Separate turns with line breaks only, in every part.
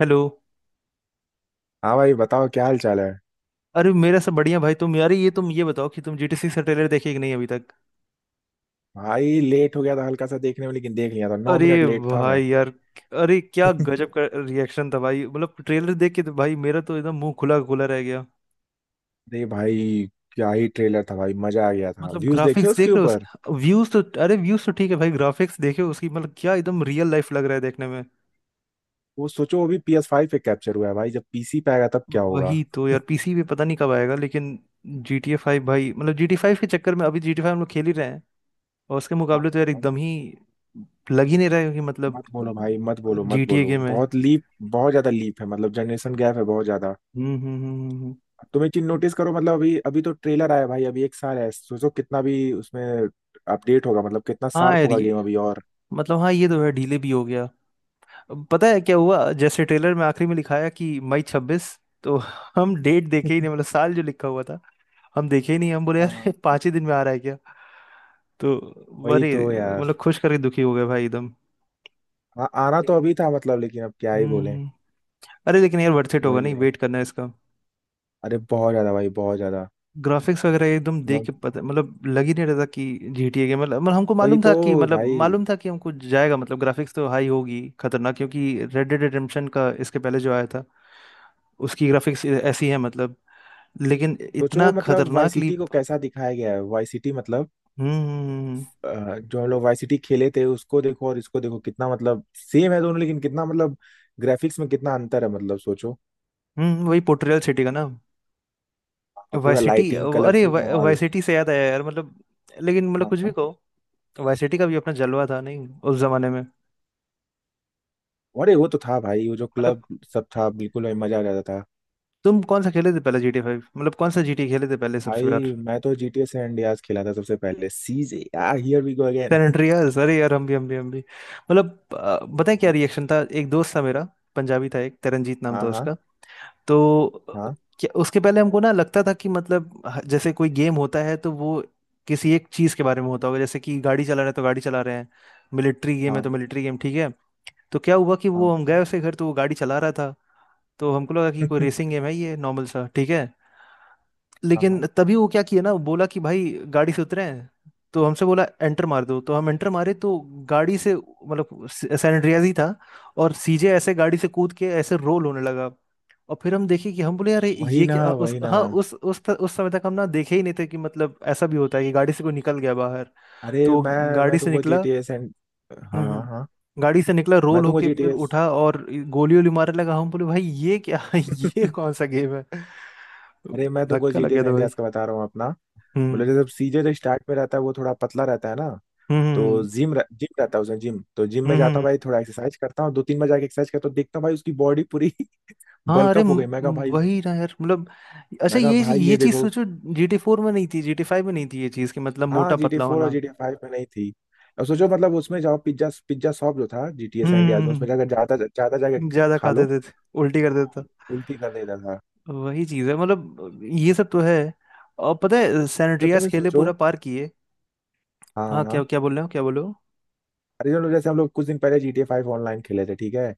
Hello.
हाँ भाई बताओ, क्या हाल चाल है।
अरे मेरा सब बढ़िया भाई। तुम यार ये तुम ये बताओ कि तुम जीटीसी से ट्रेलर देखे कि नहीं अभी तक।
भाई लेट हो गया था, हल्का सा देखने में, लेकिन देख लिया था। नौ
अरे
मिनट लेट था मैं।
भाई यार। अरे क्या गजब का रिएक्शन था भाई, मतलब ट्रेलर देख के तो भाई, मेरा तो एकदम मुंह खुला खुला रह गया।
अरे भाई, क्या ही ट्रेलर था भाई, मजा आ गया था।
मतलब
व्यूज देखे
ग्राफिक्स
उसके
देख रहे हो
ऊपर?
उसके, व्यूज तो, अरे व्यूज तो ठीक है भाई, ग्राफिक्स देखे उसकी। मतलब क्या एकदम रियल लाइफ लग रहा है देखने में।
वो सोचो, वो भी पी एस फाइव पे कैप्चर हुआ है भाई, जब पीसी पे आएगा तब क्या होगा।
वही तो यार, पीसी पे पता नहीं कब आएगा। लेकिन जी टी ए फाइव भाई, मतलब जी टी फाइव के चक्कर में अभी जी टी फाइव हम लोग खेल ही रहे हैं। और उसके
हाँ,
मुकाबले तो यार
हाँ।
एकदम ही लग ही नहीं रहा है कि मतलब
मत बोलो भाई, मत बोलो,
जी
मत
टी ए
बोलो,
गेम है।
बहुत लीप। बहुत ज्यादा लीप है, मतलब जनरेशन गैप है बहुत ज्यादा।
हम्म हम्म हम्म, हम्म, हम्म।
तुम एक चीज नोटिस करो, मतलब अभी अभी तो ट्रेलर आया भाई, अभी एक साल है, सोचो कितना भी उसमें अपडेट होगा, मतलब कितना
हाँ
शार्प
यार,
होगा
ये
गेम अभी और।
मतलब, हाँ ये तो है, डिले भी हो गया। अब पता है क्या हुआ, जैसे ट्रेलर में आखिरी में लिखाया कि मई 26। तो हम डेट देखे ही नहीं, मतलब साल जो लिखा हुआ था हम देखे ही नहीं। हम बोले
हाँ,
यार 5 ही दिन में आ रहा है क्या? तो
वही
अरे
तो
मतलब
यार।
खुश करके दुखी हो गए भाई एकदम।
हाँ, आना तो
लेकिन
अभी था मतलब, लेकिन अब क्या ही
हम्म
बोलें।
हम्म। अरे लेकिन यार, वर्थ इट होगा
वही
नहीं
है।
वेट करना इसका?
अरे बहुत ज्यादा भाई, बहुत ज्यादा।
ग्राफिक्स वगैरह एकदम देख
मतलब
के पता, मतलब लग ही नहीं रहता कि GTA के, मतलब हमको
वही
मालूम था
तो
कि
भाई,
हमको जाएगा, मतलब ग्राफिक्स तो हाई होगी खतरनाक, क्योंकि रेड डेड रिडेम्पशन का इसके पहले जो आया था उसकी ग्राफिक्स ऐसी है मतलब। लेकिन
सोचो
इतना
मतलब वाई
खतरनाक
सिटी को
लीप।
कैसा दिखाया गया है, वाई सिटी मतलब
हम्म हम्म हम्म,
जो हम लोग वाई सिटी खेले थे उसको देखो और इसको देखो, कितना मतलब सेम है दोनों, लेकिन कितना मतलब ग्राफिक्स में कितना अंतर है, मतलब सोचो।
वही पोर्ट्रियल सिटी का ना?
हाँ,
वाई
पूरा
सिटी।
लाइटिंग
अरे
कलरफुल
वाई
माहौल।
सिटी से याद आया यार मतलब। लेकिन मतलब
हाँ,
कुछ भी
हाँ।
कहो, वाई सिटी का भी अपना जलवा था नहीं उस जमाने में।
अरे वो तो था भाई, वो जो
मतलब
क्लब सब था बिल्कुल, भाई मजा आ जाता था।
तुम कौन सा खेले थे पहले GTA 5? मतलब कौन सा GTA खेले थे पहले सबसे?
भाई मैं तो जी टी ए सैन खेला था सबसे पहले। सीजे यार, here we go
San
again.
Andreas. अरे यार हम भी मतलब पता है क्या
हाँ
रिएक्शन था। एक दोस्त था मेरा, पंजाबी था, एक तरनजीत नाम
हाँ
था
हाँ।
उसका। तो
हाँ
क्या उसके पहले हमको ना लगता था कि मतलब जैसे कोई गेम होता है तो वो किसी एक चीज के बारे में होता होगा। जैसे कि गाड़ी चला रहे हैं तो गाड़ी चला रहे हैं, मिलिट्री गेम है तो
हाँ
मिलिट्री गेम। ठीक है। तो क्या हुआ कि
हाँ
वो हम गए
हाँ।
उसके घर, तो वो गाड़ी चला रहा था। तो हमको लगा कि कोई रेसिंग गेम है ये, नॉर्मल सा, ठीक है।
हाँ,
लेकिन तभी वो क्या किया ना, बोला कि भाई गाड़ी से उतरे हैं। तो हमसे बोला एंटर मार दो, तो हम एंटर मारे तो गाड़ी से, मतलब सैन एंड्रियाज ही था, और सीजे ऐसे गाड़ी से कूद के ऐसे रोल होने लगा। और फिर हम देखे कि हम बोले यार
वही
ये
ना,
क्या? उस
वही ना।
हाँ उस समय तक हम ना देखे ही नहीं थे कि मतलब ऐसा भी होता है कि गाड़ी से कोई निकल गया बाहर।
अरे
तो वो
मैं
गाड़ी
मैं
से
तुमको
निकला
जीटीए सेंड। हाँ हाँ हाँ।
गाड़ी से निकला
मैं
रोल
तुमको
होके फिर
जीटीए।
उठा और गोली वोली मारने लगा। हम बोले भाई ये क्या? ये कौन सा गेम है?
अरे मैं तुमको
धक्का लग
जीटीए
गया था
सैन
भाई।
का बता रहा हूँ अपना। बोले,
हम्म
जब सीजन जो स्टार्ट में रहता है वो थोड़ा पतला रहता है ना,
हम्म
तो
हम्म
जिम रहता है उसमें, जिम। तो जिम में
हम्म,
जाता हूँ
हम्म।
भाई, थोड़ा एक्सरसाइज करता हूँ, दो तीन बार जाके एक्सरसाइज करता हूँ, देखता हूँ भाई उसकी बॉडी पूरी।
हाँ, अरे
बल्कअप हो गई। मैं कहा भाई,
वही ना यार मतलब। अच्छा,
मैं कहा
ये
भाई,
ये
ये
चीज
देखो।
सोचो। जीटी फोर में नहीं थी, जीटी फाइव में नहीं थी ये चीज, कि मतलब
हाँ,
मोटा
जी टी
पतला
फोर और
होना।
जी टी फाइव में नहीं थी। अब सोचो मतलब, उसमें जाओ पिज्जा पिज्जा शॉप जो था जी टी ए सैन डियाज में, उसमें
हम्म,
जाकर जाता जाता जाके
ज्यादा
खा
खाते
लो,
थे, उल्टी कर देता।
तो उल्टी कर देता था।
वही चीज है मतलब, ये सब तो है। और पता है, सैन
जब तुम ही
खेले
सोचो।
पूरा पार किए।
हाँ
हाँ, क्या
हाँ।
क्या बोल रहे हो? क्या बोल रहे हो?
अरे जो, जैसे हम लोग कुछ दिन पहले G T A five online खेले थे, ठीक है,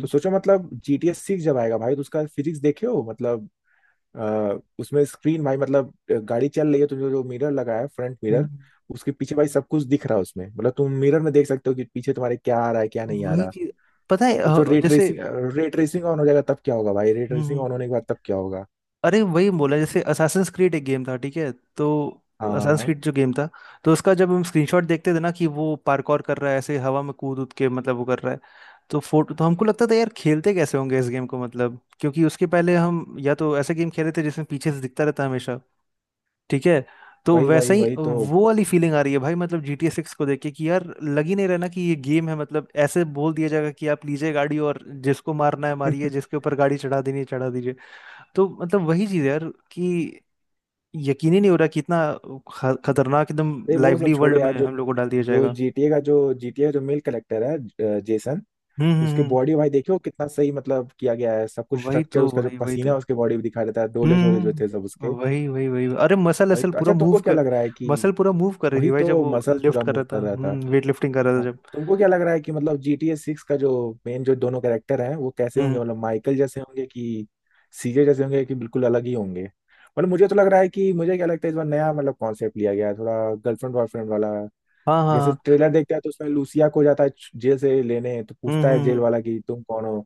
तो सोचो मतलब जी टी ए सिक्स जब आएगा भाई, तो उसका फिजिक्स देखे हो मतलब। उसमें स्क्रीन भाई मतलब, गाड़ी चल रही है तो जो मिरर लगा है, फ्रंट मिरर,
हम्म।
उसके पीछे भाई सब कुछ दिख रहा है उसमें, मतलब तुम मिरर में देख सकते हो कि पीछे तुम्हारे क्या आ रहा है, क्या नहीं आ
वही
रहा।
चीज। पता है
तो जो रे
जैसे।
ट्रेसिंग, रे ट्रेसिंग ऑन हो जाएगा तब क्या होगा भाई, रे ट्रेसिंग
हम्म,
ऑन होने के बाद तब क्या होगा।
अरे वही बोला, जैसे असासिन्स क्रीड एक गेम था, ठीक है। तो
हाँ
असासिन्स
हाँ।
क्रीड जो गेम था, तो उसका जब हम स्क्रीनशॉट देखते थे ना कि वो पार्कौर कर रहा है ऐसे, हवा में कूद उद के, मतलब वो कर रहा है। तो फोटो तो हमको लगता था यार, खेलते कैसे होंगे इस गेम को, मतलब क्योंकि उसके पहले हम या तो ऐसे गेम खेले थे जिसमें पीछे से दिखता रहता हमेशा। ठीक है। तो
वही
वैसा
वही
ही
वही तो।
वो वाली फीलिंग आ रही है भाई, मतलब जी टी ए सिक्स को देख के, कि यार लग ही नहीं रहा ना कि ये गेम है। मतलब ऐसे बोल दिया जाएगा कि आप लीजिए गाड़ी, और जिसको मारना है मारिए, जिसके ऊपर गाड़ी चढ़ा देनी है चढ़ा दीजिए। तो मतलब वही चीज़ है यार, कि यकीन ही नहीं हो रहा कि इतना खतरनाक एकदम
ये वो सब
लाइवली
छोड़ो
वर्ल्ड में
यार, जो
हम लोग को डाल दिया
जो
जाएगा।
जीटीए का जो जीटीए जो मेल कलेक्टर है, जेसन,
हम्म हम्म
उसकी
हम्म,
बॉडी भाई देखो कितना सही मतलब किया गया है, सब कुछ
वही
स्ट्रक्चर
तो,
उसका, जो
वही वही
पसीना
तो।
है उसके बॉडी में दिखा देता है, डोले सोले
हम्म
जो थे सब उसके।
हम्म। वही वही वही, अरे मसल
वही
असल
तो।
पूरा
अच्छा
मूव
तुमको क्या
कर
लग रहा है कि
मसल पूरा मूव कर रही थी
वही
भाई, जब
तो
वो
मसल्स
लिफ्ट
पूरा
कर
मूव
रहा
कर
था,
रहा था।
वेट लिफ्टिंग कर रहा था
हाँ,
जब।
तुमको क्या लग रहा है कि मतलब जी टी ए सिक्स का जो मेन जो दोनों कैरेक्टर हैं वो कैसे
हम्म,
होंगे, मतलब माइकल जैसे होंगे कि सीजे जैसे होंगे कि बिल्कुल अलग ही होंगे। मतलब मुझे तो लग रहा है कि, मुझे क्या लगता है इस बार नया मतलब कॉन्सेप्ट लिया गया है थोड़ा, गर्लफ्रेंड बॉयफ्रेंड वाला।
हाँ हाँ
जैसे
हाँ।
ट्रेलर देखते हैं तो उसमें लूसिया को जाता है जेल से लेने, तो पूछता
हम्म
है जेल
हम्म।
वाला कि तुम कौन हो।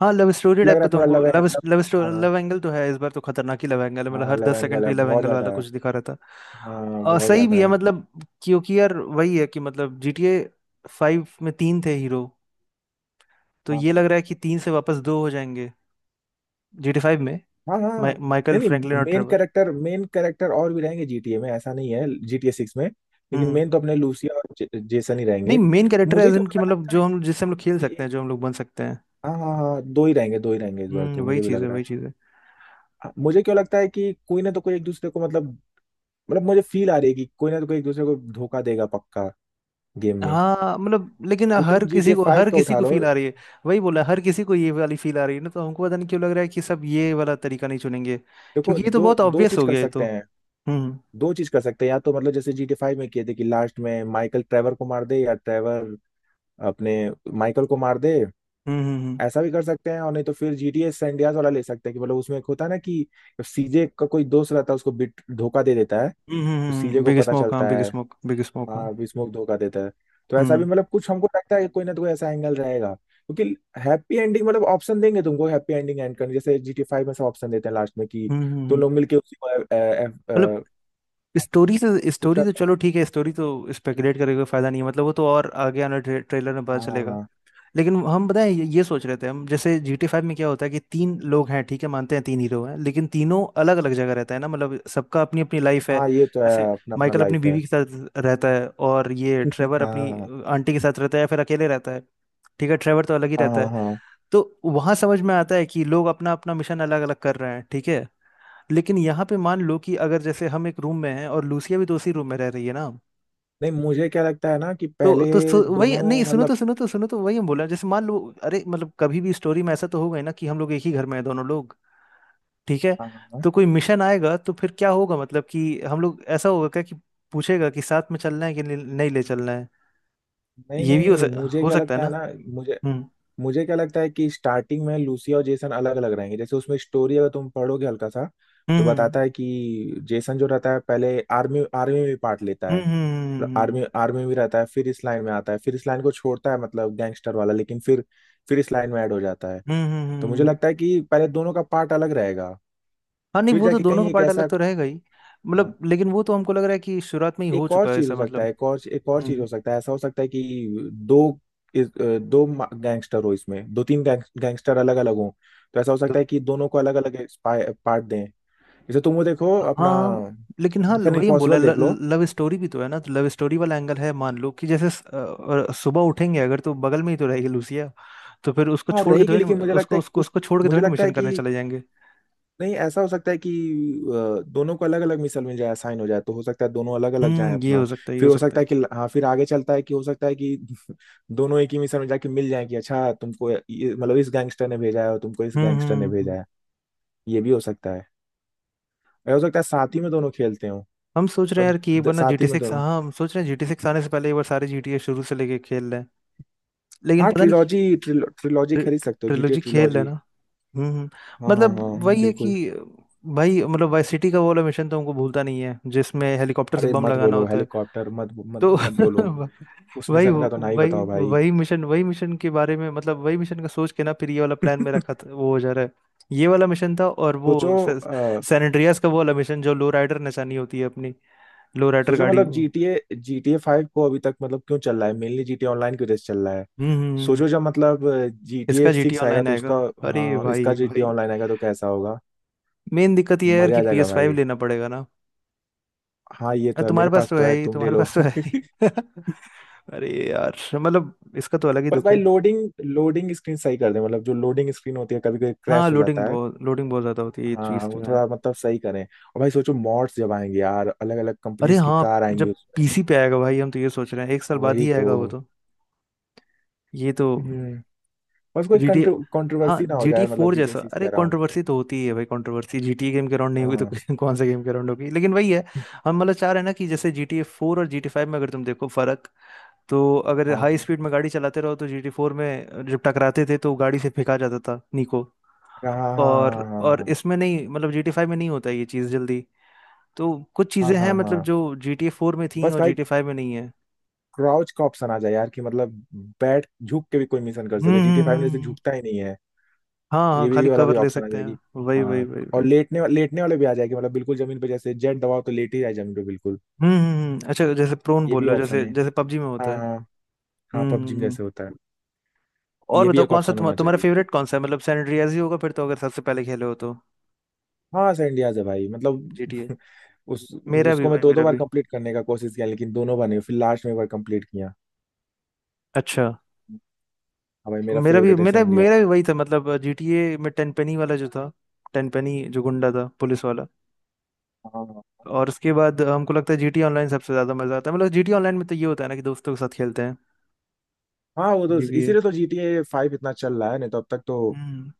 हाँ, लव स्टोरी
लग
टाइप
रहा
का
है
तो।
थोड़ा
हमको
love
love
angle.
Love story,
हाँ,
लव एंगल तो है इस बार, तो खतरनाक ही लव एंगल है मतलब,
हाँ
हर
लव
10 सेकंड
एंगल है
पे लव
बहुत
एंगल
ज्यादा
वाला
है।
कुछ दिखा रहता।
हाँ
और
बहुत
सही
ज्यादा
भी है
है।
मतलब। क्योंकि यार वही है कि, मतलब GTA फाइव में तीन थे हीरो, तो ये
हाँ
लग रहा है कि तीन से वापस दो हो जाएंगे। GTA फाइव में
हाँ हाँ हाँ।
माइकल,
नहीं
फ्रैंकलिन
नहीं,
और
main
Trevor.
Character, main character और भी रहेंगे जीटीए में, ऐसा नहीं है, जीटीए सिक्स में। लेकिन
हम्म,
मेन तो अपने लूसिया और जेसन ही
नहीं,
रहेंगे।
मेन कैरेक्टर
मुझे
एज
क्यों
इन, कि
पता
मतलब
लगता है
जो
कि
हम जिससे हम लोग खेल
कोई
सकते
एक।
हैं, जो हम लोग बन सकते हैं।
हाँ हाँ हाँ, दो ही रहेंगे, दो ही रहेंगे इस बार
हम्म,
तो
वही
मुझे भी
चीज़
लग
है,
रहा है।
वही चीज़ है।
हाँ, मुझे क्यों लगता है कि कोई ना तो कोई एक दूसरे को मतलब, मतलब मुझे फील आ रही है कि कोई ना तो कोई एक दूसरे को धोखा देगा पक्का, गेम में।
हाँ मतलब, लेकिन
तो तुम
हर किसी
जीटीए
को,
फाइव
हर
का
किसी
उठा
को
लो।
फील आ रही है। वही बोला, हर किसी को ये वाली फील आ रही है ना, तो हमको पता नहीं क्यों लग रहा है कि सब ये वाला तरीका नहीं चुनेंगे,
देखो,
क्योंकि ये तो
दो
बहुत
दो
ऑब्वियस
चीज
हो
कर
गया है, तो
सकते हैं,
हम्म
दो चीज कर सकते हैं। या तो मतलब जैसे जीटी फाइव में किए थे, कि लास्ट में माइकल ट्रेवर को मार दे, या ट्रेवर अपने माइकल को मार दे,
हम्म
ऐसा भी कर सकते हैं। और नहीं तो फिर जीटीए सैंडियाज वाला ले सकते हैं, कि मतलब उसमें एक होता है ना, कि सीजे का कोई दोस्त रहता है, उसको बिट धोखा दे देता है, तो सीजे
हम्म।
को
बिग
पता
स्मोक, हाँ,
चलता
बिग
है।
स्मोक, बिग स्मोक, हाँ।
हाँ, स्मोक धोखा देता है। तो ऐसा भी
हम्म
मतलब कुछ हमको लगता है कि कोई ना तो कोई ऐसा एंगल रहेगा, क्योंकि हैप्पी एंडिंग मतलब ऑप्शन देंगे तुमको हैप्पी एंडिंग एंड करने, जैसे जीटी फाइव में सब ऑप्शन देते हैं लास्ट में कि तुम
हम्म।
लोग मिलके उसी को
मतलब स्टोरी से
कुछ।
स्टोरी तो चलो ठीक है, स्टोरी तो स्पेकुलेट करके कोई फायदा नहीं है मतलब, वो तो और आगे आने ट्रेलर में पता
हाँ हाँ
चलेगा।
हाँ
लेकिन हम पता है ये सोच रहे थे हम, जैसे जी टी फाइव में क्या होता है कि तीन लोग हैं, ठीक है, मानते हैं तीन हीरो हैं, लेकिन तीनों अलग अलग जगह रहता है ना, मतलब सबका अपनी अपनी लाइफ है।
हाँ, ये तो
जैसे
है, अपना अपना
माइकल अपनी
लाइफ है।
बीवी के साथ रहता है, और ये ट्रेवर अपनी
हाँ
आंटी के साथ रहता है या फिर अकेले रहता है, ठीक है, ट्रेवर तो अलग ही
हाँ
रहता
हाँ
है।
हाँ।
तो वहां समझ में आता है कि लोग अपना अपना मिशन अलग अलग कर रहे हैं, ठीक है। लेकिन यहाँ पे मान लो कि अगर जैसे हम एक रूम में हैं, और लूसिया भी तो उसी रूम में रह रही है ना।
नहीं मुझे क्या लगता है ना कि
तो
पहले
तो वही
दोनों
नहीं, सुनो तो
मतलब।
सुनो तो सुनो तो, वही हम बोला, जैसे मान लो, अरे मतलब कभी भी स्टोरी में ऐसा तो होगा ही ना कि हम लोग एक ही घर में हैं दोनों लोग, ठीक है।
हाँ, हाँ,
तो कोई मिशन आएगा तो फिर क्या होगा, मतलब कि हम लोग ऐसा होगा क्या कि पूछेगा कि साथ में चलना है कि नहीं, नहीं ले चलना है?
नहीं
ये भी
नहीं मुझे
हो
क्या
सकता है
लगता
ना।
है ना। मुझे
हम्म
मुझे क्या लगता है कि स्टार्टिंग में लूसिया और जेसन अलग अलग रहेंगे। जैसे उसमें स्टोरी अगर तुम पढ़ोगे हल्का सा, तो
हम्म
बताता है कि जेसन जो रहता है पहले आर्मी, आर्मी में भी पार्ट लेता है,
हम्म हम्म
मतलब
हम्म
आर्मी, आर्मी में रहता है, फिर इस लाइन में आता है, फिर इस लाइन को छोड़ता है मतलब गैंगस्टर वाला, लेकिन फिर इस लाइन में ऐड हो जाता है।
हम्म, हम्म। हम्म, हम्म,
तो
हम्म,
मुझे
हम्म।
लगता है कि पहले दोनों का पार्ट अलग रहेगा,
हाँ नहीं,
फिर
वो तो
जाके
दोनों
कहीं
का
एक
पार्ट अलग
ऐसा।
तो रहेगा ही
हाँ,
मतलब। लेकिन वो तो हमको लग रहा है कि शुरुआत में ही हो
एक और
चुका है
चीज हो
ऐसा,
सकता है,
मतलब
एक और चीज
हम्म
हो सकता है। ऐसा हो सकता है कि दो, दो गैंगस्टर हो इसमें, दो तीन गैंगस्टर अलग अलग हो, तो ऐसा हो
तो।
सकता है कि दोनों को अलग अलग पार्ट दें। जैसे तुम वो देखो अपना,
हाँ लेकिन हाँ,
मिशन
वही हम बोला
इम्पॉसिबल देख लो।
लव स्टोरी भी तो है ना, तो लव स्टोरी वाला एंगल है, मान लो कि जैसे सुबह उठेंगे अगर तो बगल में ही तो रहेगी लूसिया। तो फिर उसको
और
छोड़ के
रही कि
थोड़ी ना
लेकिन मुझे लगता
उसको
है
उसको
कुछ,
उसको छोड़ के
मुझे
थोड़ी ना
लगता है
मिशन करने
कि,
चले जाएंगे।
नहीं ऐसा हो सकता है कि दोनों को अलग अलग मिसल मिल जाए, असाइन हो जाए, तो हो सकता है दोनों अलग अलग जाएं
हम्म, ये
अपना,
हो सकता है, ये हो
फिर हो
सकता
सकता है
है।
कि हाँ, फिर आगे चलता है कि हो सकता है कि दोनों एक ही मिसल में जाके मिल जाए कि अच्छा, तुमको ये मतलब इस गैंगस्टर ने भेजा है और तुमको इस
हम्म
गैंगस्टर
हम्म
ने
हम्म।
भेजा है। ये भी हो सकता है, और हो सकता है साथ ही में दोनों खेलते हो।
हम सोच रहे हैं
और
यार कि ये बना जी
साथ ही
टी
में
सिक्स,
दोनों।
हाँ। हम सोच रहे हैं जी टी सिक्स आने से पहले एक बार सारे जी टी ए शुरू से लेके खेल रहे हैं। लेकिन
हाँ,
पता नहीं,
ट्रिलॉजी, ट्रिलॉजी खरीद सकते हो, जीटीए
ट्रिलोजी खेल रहे हैं
ट्रिलॉजी।
ना। हम्म हम्म।
हाँ हाँ
मतलब
हाँ हाँ,
वही है कि,
बिल्कुल।
भाई मतलब वाई सिटी का वो वाला मिशन तो हमको भूलता नहीं है, जिसमें हेलीकॉप्टर से
अरे
बम
मत
लगाना
बोलो
होता है
हेलीकॉप्टर, मत मत
तो
मत बोलो, उस
वही
मिशन का तो ना ही
वही
बताओ भाई।
वही मिशन, वही मिशन के बारे में मतलब, वही मिशन का सोच के ना फिर ये वाला प्लान मेरा खत वो हो जा रहा है। ये वाला मिशन था, और
सोचो,
वो सैन एंड्रियास का वो वाला मिशन जो लो राइडर नचानी होती है अपनी, लो राइडर
सोचो
गाड़ी
मतलब
वो।
GTA 5 को अभी तक मतलब क्यों चल रहा है? मेनली GTA ऑनलाइन की वजह से चल रहा है। सोचो
हम्म।
जब मतलब GTA
इसका जीटी
6 आएगा
ऑनलाइन
तो
आएगा?
उसका,
अरे
हाँ इसका
भाई भाई,
GTA ऑनलाइन आएगा तो कैसा होगा?
मेन दिक्कत ये है यार
मजा
कि
आ जाएगा
PS5 फाइव
भाई।
लेना पड़ेगा ना।
हाँ ये
अरे
तो है, मेरे
तुम्हारे पास
पास
तो
तो
है
है,
ही,
तुम ले
तुम्हारे
लो।
पास तो है ही। अरे यार मतलब इसका तो अलग ही
बस
दुख
भाई,
है।
लोडिंग लोडिंग स्क्रीन सही कर दे, मतलब जो लोडिंग स्क्रीन होती है, कभी कभी
हाँ,
क्रैश हो
लोडिंग
जाता है।
बहुत, लोडिंग बहुत ज्यादा होती है, ये
हाँ
चीज़
वो
तो है।
थोड़ा मतलब सही करें। और भाई सोचो मॉड्स जब आएंगे यार, अलग अलग
अरे
कंपनीज की
हाँ,
कार आएंगी
जब
उसमें।
पीसी पे आएगा भाई, हम तो ये सोच रहे हैं एक साल बाद
वही
ही
तो।
आएगा वो तो, ये तो।
हम्म, बस कोई
जीटी हाँ
कंट्रोवर्सी ना हो
जीटी
जाए मतलब
फोर
GTA
जैसा?
6 के
अरे
अराउंड।
कंट्रोवर्सी तो होती ही है भाई, कंट्रोवर्सी जीटी गेम के राउंड नहीं हुई तो
हाँ
कौन सा गेम के राउंड होगी? लेकिन वही है। हम मतलब चाह रहे हैं ना कि जैसे जीटी फोर और जीटी फाइव में अगर तुम देखो फर्क, तो अगर हाई
हाँ
स्पीड में गाड़ी चलाते रहो तो जीटी फोर में जब टकराते थे तो गाड़ी से फेंका जाता था निको।
हाँ हाँ
और
हाँ हाँ
और
हाँ
इसमें नहीं, मतलब जीटी फाइव में नहीं होता ये चीज़ जल्दी। तो कुछ
हाँ
चीज़ें हैं
हाँ
मतलब
हाँ।
जो जीटी फोर में थी
बस
और
भाई
जीटी फाइव में नहीं है।
क्राउच का ऑप्शन आ जाए यार, कि मतलब बैठ झुक के भी कोई मिशन कर
हम्म
सके,
हम्म,
जीटी फाइव में
हम्म,
जैसे
हम्म।
झुकता ही नहीं है,
हाँ हाँ,
ये भी,
खाली
ये वाला भी
कवर ले
ऑप्शन आ
सकते हैं।
जाएगी।
वही वही
हाँ,
वही
और
वही।
लेटने लेटने वाले भी आ जाएगी, मतलब बिल्कुल जमीन पे, जैसे जेट दबाओ तो लेट ही जाए जमीन पे बिल्कुल।
अच्छा जैसे प्रोन
ये
बोल
भी
रहे हो,
ऑप्शन
जैसे
है।
जैसे पबजी में होता
हाँ
है।
हाँ, हाँ
हम्म
पबजी
हम्म
में
हम्म।
जैसे होता है,
और
ये भी
बताओ,
एक
कौन सा
ऑप्शन होना
तुम्हारा
चाहिए।
फेवरेट कौन सा है, मतलब सैन एंड्रियास ही होगा फिर तो, अगर सबसे पहले खेले हो तो।
हाँ सर इंडियाज है भाई मतलब।
जीटीए,
उस,
मेरा भी
उसको मैं
भाई,
दो दो
मेरा
बार
भी।
कंप्लीट करने का कोशिश किया, लेकिन दोनों बार नहीं, फिर लास्ट में एक बार कंप्लीट किया।
अच्छा,
हाँ भाई मेरा
मेरा भी,
फेवरेट है
मेरा
सर।
मेरा भी वही था, मतलब जीटीए में टेन पेनी वाला जो था। टेन पेनी जो गुंडा था, पुलिस वाला।
हाँ
और उसके बाद हमको लगता है जीटीए ऑनलाइन सबसे ज्यादा मजा आता है, मतलब जीटीए ऑनलाइन में तो ये होता है ना कि दोस्तों के साथ खेलते हैं।
हाँ, वो तो
ये भी है,
इसीलिए तो GTA फाइव इतना चल रहा है, नहीं तो अब तक तो
हम्म।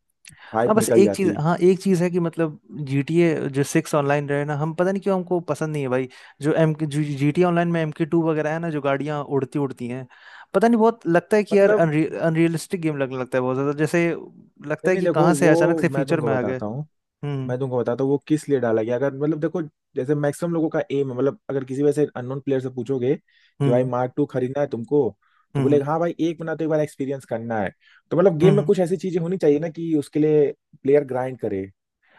हाँ,
हाइप
बस
निकल
एक चीज
जाती।
हाँ एक चीज है कि मतलब GTA जो सिक्स ऑनलाइन रहे ना, हम पता नहीं क्यों हमको पसंद नहीं है भाई। जो एम जी टी ऑनलाइन में एम के टू वगैरह है ना, जो गाड़ियाँ उड़ती उड़ती हैं। पता नहीं, बहुत लगता है कि यार
मतलब,
अनरियलिस्टिक गेम लगने लगता है बहुत ज्यादा, जैसे लगता
नहीं
है
नहीं
कि
देखो
कहाँ से अचानक
वो,
से
मैं
फ्यूचर
तुमको
में आ गए।
बताता हूँ,
हम्म
मैं तुमको बताता हूँ वो किस लिए डाला गया। अगर मतलब देखो, जैसे मैक्सिमम लोगों का एम है मतलब, अगर किसी वैसे अननोन प्लेयर से पूछोगे कि भाई
हम्म
मार्क टू खरीदना है तुमको, तो
हम्म
बोलेगा हाँ भाई, एक महीना तो एक बार एक्सपीरियंस करना है। तो मतलब गेम में
हम्म।
कुछ ऐसी चीजें होनी चाहिए ना, कि उसके लिए प्लेयर ग्राइंड करे।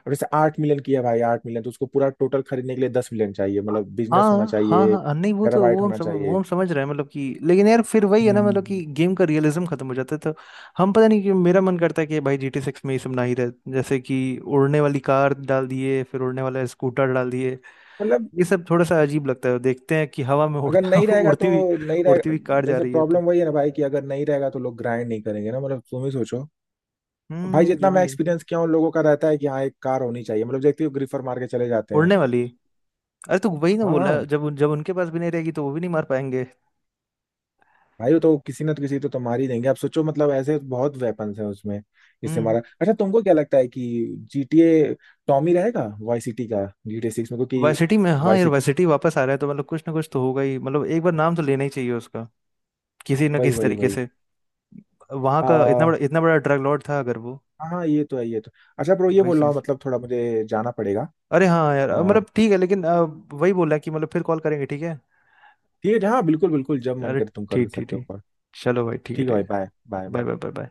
अब जैसे 8 मिलियन किया भाई, 8 मिलियन तो उसको, पूरा टोटल खरीदने के लिए 10 मिलियन चाहिए, मतलब बिजनेस होना
हाँ हाँ
चाहिए,
हाँ, नहीं वो तो,
टेराबाइट होना
वो
चाहिए।
हम समझ रहे हैं मतलब। कि लेकिन यार फिर वही है ना, मतलब कि
हम्म,
गेम का रियलिज्म खत्म हो जाता है तो। हम पता नहीं क्यों मेरा मन करता है कि भाई जी टी सिक्स में ये सब ना ही रहे, जैसे कि उड़ने वाली कार डाल दिए, फिर उड़ने वाला स्कूटर डाल दिए,
मतलब
ये सब थोड़ा सा अजीब लगता है। देखते हैं कि हवा में
अगर
उड़ता
नहीं रहेगा
उड़ती
तो,
हुई
नहीं
उड़ती
रहेगा।
हुई कार जा
जैसे
रही है तो।
प्रॉब्लम वही है ना भाई, कि अगर नहीं रहेगा तो लोग ग्राइंड नहीं करेंगे ना, मतलब तुम ही सोचो भाई।
हम्म, ये
जितना मैं
भी है।
एक्सपीरियंस किया हूँ लोगों का, रहता है कि हाँ एक कार होनी चाहिए मतलब, देखते हो ग्रीफर मार के चले जाते हैं।
उड़ने वाली, अरे तो वही ना
हाँ हाँ,
बोला, जब उनके पास भी नहीं रहेगी तो वो भी नहीं मार पाएंगे।
भाई वो तो किसी ना तो किसी तो मार ही देंगे। आप सोचो मतलब, ऐसे बहुत वेपन्स है उसमें, इससे
हम्म,
मारा। अच्छा तुमको क्या लगता है कि जीटीए टॉमी रहेगा वाई सिटी का जीटीए सिक्स में, क्योंकि
वाइसिटी में, हाँ
वाई
यार,
सिटी,
वाइसिटी वापस आ रहा है तो मतलब कुछ ना कुछ तो होगा ही, मतलब एक बार नाम तो लेना ही चाहिए उसका, किसी ना
वही
किसी
वही
तरीके
वही।
से। वहाँ
आ,
का
हाँ
इतना बड़ा ड्रग लॉर्ड था अगर वो,
हाँ, ये तो है, ये तो। अच्छा ब्रो, ये
वही
बोल रहा हूँ
चीज।
मतलब थोड़ा मुझे जाना पड़ेगा।
अरे हाँ यार मतलब ठीक है लेकिन वही बोला कि मतलब फिर कॉल करेंगे, ठीक है?
ठीक है, हाँ बिल्कुल बिल्कुल, जब मन
अरे
करे तुम कर
ठीक ठीक
सकते हो
ठीक,
कॉल।
चलो भाई ठीक है,
ठीक है
ठीक
भाई,
है।
Bye bye
bye
bye.
Bye bye bye.